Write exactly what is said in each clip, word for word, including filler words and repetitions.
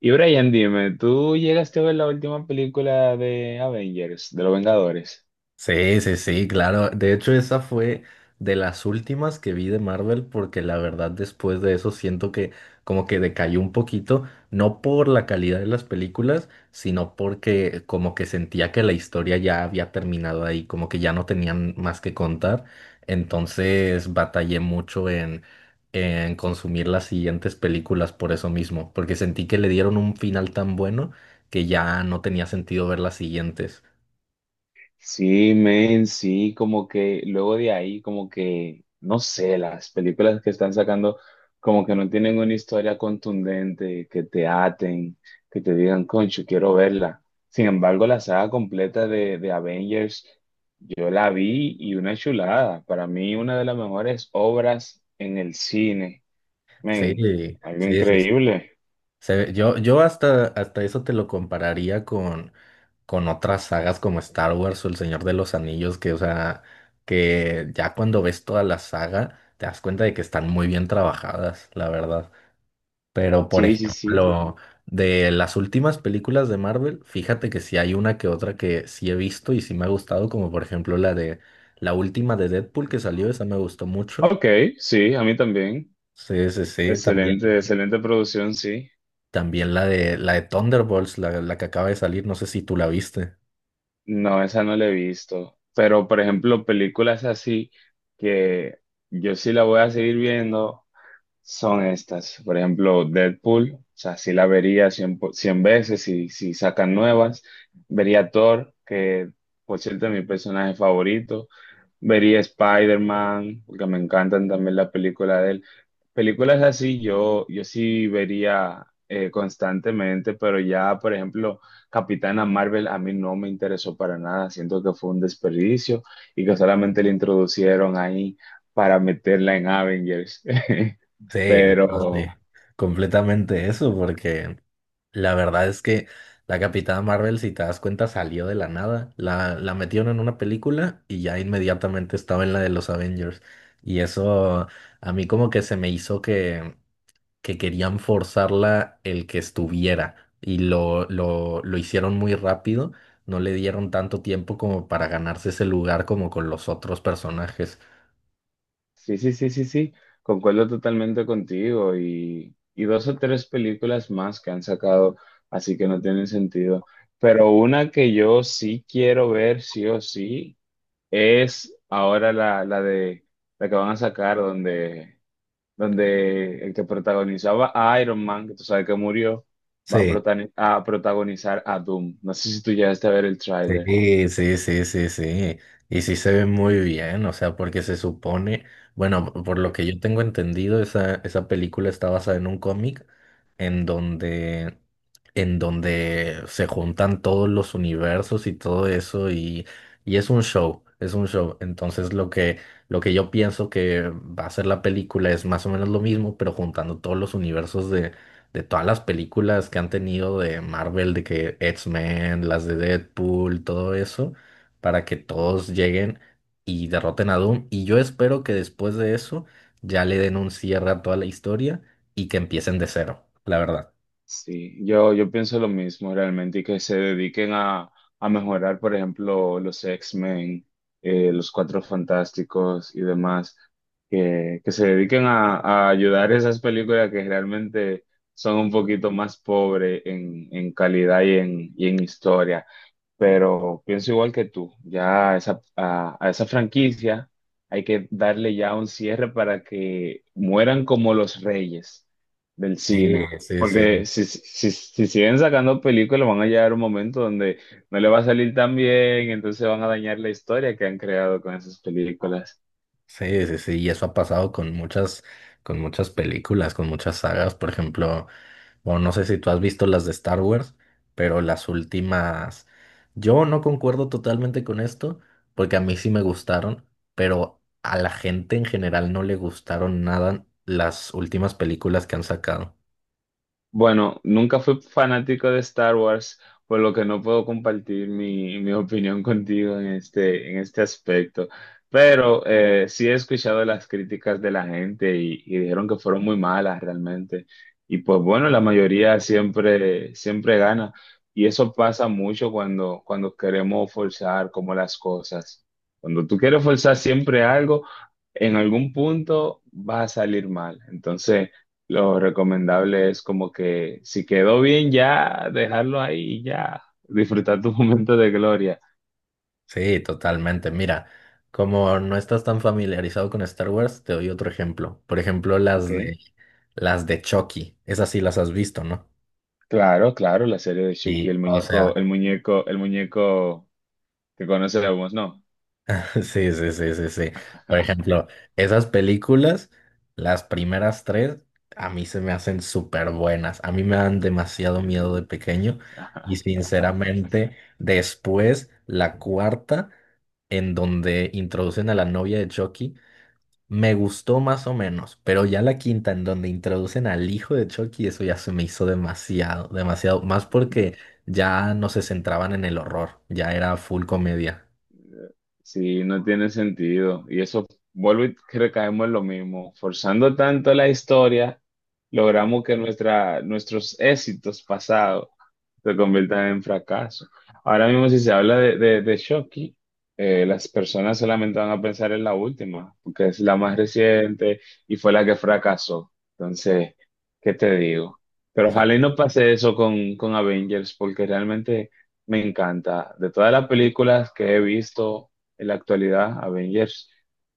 Y Brian, dime, ¿tú llegaste a ver la última película de Avengers, de los Vengadores? Sí, sí, sí, claro. De hecho, esa fue de las últimas que vi de Marvel porque la verdad después de eso siento que como que decayó un poquito, no por la calidad de las películas, sino porque como que sentía que la historia ya había terminado ahí, como que ya no tenían más que contar. Entonces batallé mucho en, en consumir las siguientes películas por eso mismo, porque sentí que le dieron un final tan bueno que ya no tenía sentido ver las siguientes. Sí, men, sí, como que luego de ahí, como que, no sé, las películas que están sacando, como que no tienen una historia contundente, que te aten, que te digan, concho, quiero verla. Sin embargo, la saga completa de, de Avengers, yo la vi y una chulada. Para mí, una de las mejores obras en el cine. Sí, Men, algo sí, sí, sí. increíble. Se ve- yo, yo hasta, hasta eso te lo compararía con, con otras sagas como Star Wars o El Señor de los Anillos, que, o sea, que ya cuando ves toda la saga te das cuenta de que están muy bien trabajadas, la verdad. Pero, por Sí, sí, sí. ejemplo, de las últimas películas de Marvel, fíjate que sí hay una que otra que sí he visto y sí me ha gustado, como por ejemplo la de la última de Deadpool que salió, esa me gustó mucho. Ok, sí, a mí también. Sí, sí, sí, también. Excelente, excelente producción, sí. También la de la de Thunderbolts, la, la que acaba de salir, no sé si tú la viste. No, esa no la he visto. Pero, por ejemplo, películas así que yo sí la voy a seguir viendo son estas. Por ejemplo, Deadpool. O sea, sí la vería cien po- cien veces si, si sacan nuevas. Vería Thor, que por cierto es mi personaje favorito. Vería Spider Man, porque me encantan también las películas de él. Películas así yo, yo sí vería eh, constantemente, pero ya, por ejemplo, Capitana Marvel a mí no me interesó para nada, siento que fue un desperdicio y que solamente le introducieron ahí para meterla en Avengers. Sí, no, sí, Pero completamente eso, porque la verdad es que la Capitana Marvel, si te das cuenta, salió de la nada. La, la metieron en una película y ya inmediatamente estaba en la de los Avengers. Y eso a mí como que se me hizo que que querían forzarla el que estuviera y lo, lo, lo hicieron muy rápido, no le dieron tanto tiempo como para ganarse ese lugar como con los otros personajes. sí, sí, sí, sí, sí, concuerdo totalmente contigo y, y dos o tres películas más que han sacado, así que no tienen sentido. Pero una que yo sí quiero ver, sí o sí es ahora la, la de la que van a sacar donde, donde el que protagonizaba a Iron Man, que tú sabes que murió, va a, Sí. protani- a protagonizar a Doom. No sé si tú llegaste a ver el tráiler. Sí, sí, sí, sí, sí. Y sí se ve muy bien, o sea, porque se supone, bueno, por lo que yo tengo entendido, esa, esa película está basada en un cómic en donde, en donde se juntan todos los universos y todo eso, y, y es un show, es un show. Entonces lo que, lo que yo pienso que va a ser la película es más o menos lo mismo, pero juntando todos los universos de todas las películas que han tenido de Marvel, de que X-Men, las de Deadpool, todo eso, para que todos lleguen y derroten a Doom. Y yo espero que después de eso ya le den un cierre a toda la historia y que empiecen de cero, la verdad. Sí, yo, yo pienso lo mismo realmente y que se dediquen a, a mejorar, por ejemplo, los X Men, eh, los Cuatro Fantásticos y demás, que, que se dediquen a, a ayudar a esas películas que realmente son un poquito más pobres en, en calidad y en, y en historia, pero pienso igual que tú, ya a esa, a, a esa franquicia hay que darle ya un cierre para que mueran como los reyes del Sí, cine, sí, porque sí. si, si, si siguen sacando películas van a llegar un momento donde no le va a salir tan bien, entonces van a dañar la historia que han creado con esas películas. Sí, sí, sí, y eso ha pasado con muchas, con muchas películas, con muchas sagas, por ejemplo, bueno, no sé si tú has visto las de Star Wars, pero las últimas, yo no concuerdo totalmente con esto, porque a mí sí me gustaron, pero a la gente en general no le gustaron nada las últimas películas que han sacado. Bueno, nunca fui fanático de Star Wars, por lo que no puedo compartir mi, mi opinión contigo en este, en este aspecto. Pero eh, sí he escuchado las críticas de la gente y, y dijeron que fueron muy malas realmente. Y pues bueno, la mayoría siempre, siempre gana. Y eso pasa mucho cuando, cuando queremos forzar como las cosas. Cuando tú quieres forzar siempre algo, en algún punto va a salir mal. Entonces, lo recomendable es como que si quedó bien ya, dejarlo ahí y ya, disfrutar tu momento de gloria. Sí, totalmente. Mira, como no estás tan familiarizado con Star Wars, te doy otro ejemplo. Por ejemplo, Ok, las de, las de Chucky, esas sí las has visto, ¿no? claro, claro, la serie de Sí, Chucky, el o sea, muñeco, el muñeco, el muñeco que conocemos, ¿no? sí, sí, sí, sí, sí. Por ejemplo, esas películas, las primeras tres, a mí se me hacen súper buenas. A mí me dan demasiado miedo Sí, de pequeño y sinceramente, después, la cuarta, en donde introducen a la novia de Chucky, me gustó más o menos, pero ya la quinta, en donde introducen al hijo de Chucky, eso ya se me hizo demasiado, demasiado, más porque ya no se centraban en el horror, ya era full comedia. sí, no tiene sentido. Y eso, vuelvo y recaemos en lo mismo. Forzando tanto la historia, logramos que nuestra, nuestros éxitos pasados se conviertan en fracaso. Ahora mismo, si se habla de, de, de Shoki, eh, las personas solamente van a pensar en la última, porque es la más reciente y fue la que fracasó. Entonces, ¿qué te digo? Pero ojalá y no pase eso con, con Avengers, porque realmente me encanta. De todas las películas que he visto en la actualidad, Avengers,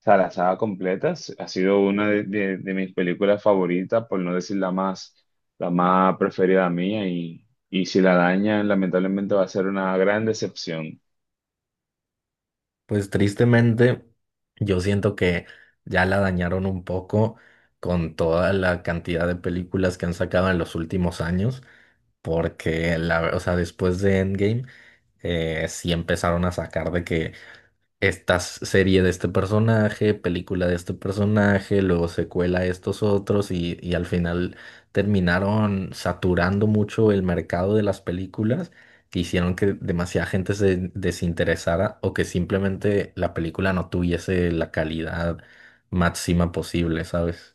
o sea, la saga completa, ha sido una de, de de mis películas favoritas, por no decir la más la más preferida mía y y si la dañan, lamentablemente va a ser una gran decepción. Pues tristemente, yo siento que ya la dañaron un poco con toda la cantidad de películas que han sacado en los últimos años, porque la, o sea, después de Endgame, eh, sí empezaron a sacar de que esta serie de este personaje, película de este personaje, luego secuela de estos otros y, y al final terminaron saturando mucho el mercado de las películas que hicieron que demasiada gente se desinteresara o que simplemente la película no tuviese la calidad máxima posible, ¿sabes?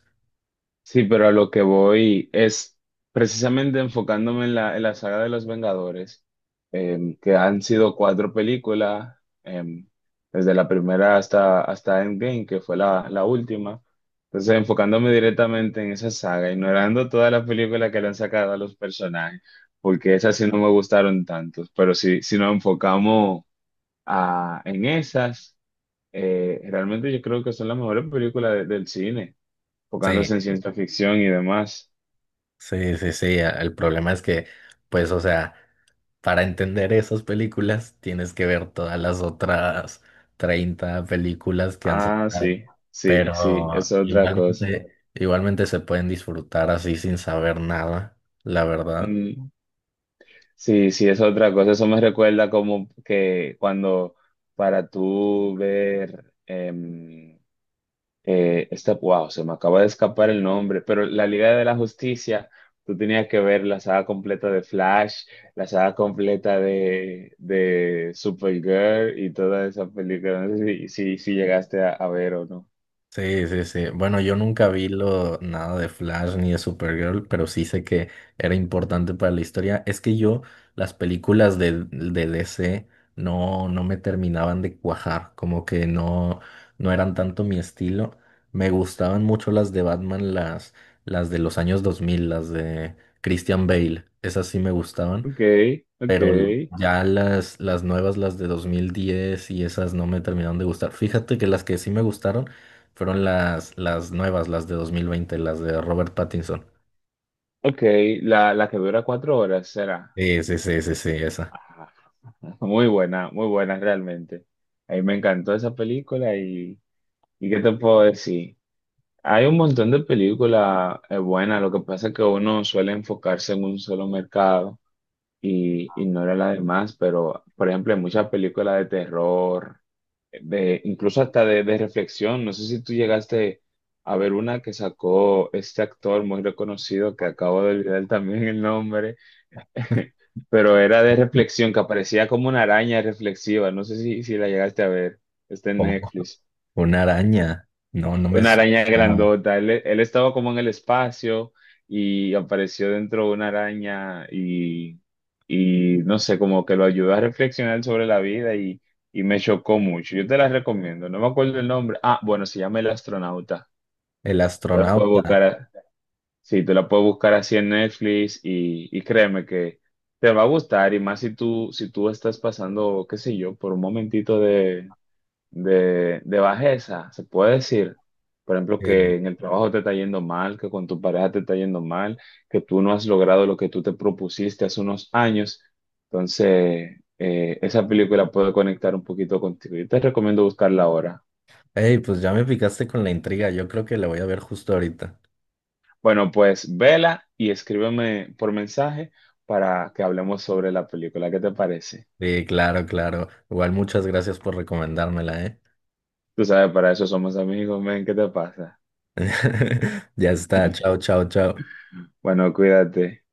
Sí, pero a lo que voy es precisamente enfocándome en la, en la saga de los Vengadores, em, que han sido cuatro películas, em, desde la primera hasta, hasta Endgame, que fue la, la última. Entonces, enfocándome directamente en esa saga, ignorando todas las películas que le han sacado a los personajes, porque esas sí no me gustaron tantos, pero si, si nos enfocamos a- en esas. Eh, realmente yo creo que son las mejores películas de- del cine, enfocándose Sí, en ciencia ficción y demás. sí, sí, sí. El problema es que, pues, o sea... para entender esas películas, tienes que ver todas las otras treinta películas que han Ah, sacado. sí, sí, sí, es Pero otra cosa. igualmente, igualmente se pueden disfrutar así sin saber nada, la verdad. Mm, sí, sí, es otra cosa. Eso me recuerda como que cuando para tú ver em, Eh, esta, wow, se me acaba de escapar el nombre, pero la Liga de la Justicia, tú tenías que ver la saga completa de Flash, la saga completa de, de Supergirl y toda esa película. No sé si, si, si llegaste a, a ver o no. Sí, sí, sí. Bueno, yo nunca vi lo, nada de Flash ni de Supergirl, pero sí sé que era importante para la historia. Es que yo, las películas de, de D C no, no me terminaban de cuajar, como que no, no eran tanto mi estilo. Me gustaban mucho las de Batman, las, las de los años dos mil, las de Christian Bale, esas sí me gustaban, Ok, ok, pero l- ya las, las nuevas, las de dos mil diez y esas no me terminaron de gustar. Fíjate que las que sí me gustaron fueron las, las nuevas, las de dos mil veinte, las de Robert Pattinson. ok. La, la que dura cuatro horas será. Sí, sí, sí, sí, sí, esa. Ah, muy buena, muy buena realmente. A mí me encantó esa película y, ¿y qué te puedo decir? Hay un montón de películas eh, buenas, lo que pasa es que uno suele enfocarse en un solo mercado y ignora las demás, pero por ejemplo hay muchas películas de terror, de, incluso hasta de, de reflexión, no sé si tú llegaste a ver una que sacó este actor muy reconocido que acabo de olvidar también el nombre, pero era de reflexión, que aparecía como una araña reflexiva, no sé si, si la llegaste a ver, está en Como Netflix. una araña. No, no me Una araña suena. grandota. Él, él estaba como en el espacio y apareció dentro de una araña y, y no sé, como que lo ayudó a reflexionar sobre la vida y, y me chocó mucho. Yo te la recomiendo. No me acuerdo el nombre. Ah, bueno, se llama El Astronauta. El Te la puedes buscar, astronauta. a- sí, te la puedes buscar así en Netflix y, y créeme que te va a gustar y más si tú, si tú estás pasando, qué sé yo, por un momentito de, de bajeza, se puede decir, por ejemplo, Eh, que en el trabajo te está yendo mal, que con tu pareja te está yendo mal, que tú no has logrado lo que tú te propusiste hace unos años. Entonces, eh, esa película puede conectar un poquito contigo. Yo te recomiendo buscarla ahora. Ey, pues ya me picaste con la intriga. Yo creo que la voy a ver justo ahorita. Bueno, pues vela y escríbeme por mensaje para que hablemos sobre la película. ¿Qué te parece? Sí, claro, claro. Igual muchas gracias por recomendármela, ¿eh? Tú sabes, para eso somos amigos, men, ¿qué te pasa? Ya está. Chao, chao, chao. Bueno, cuídate.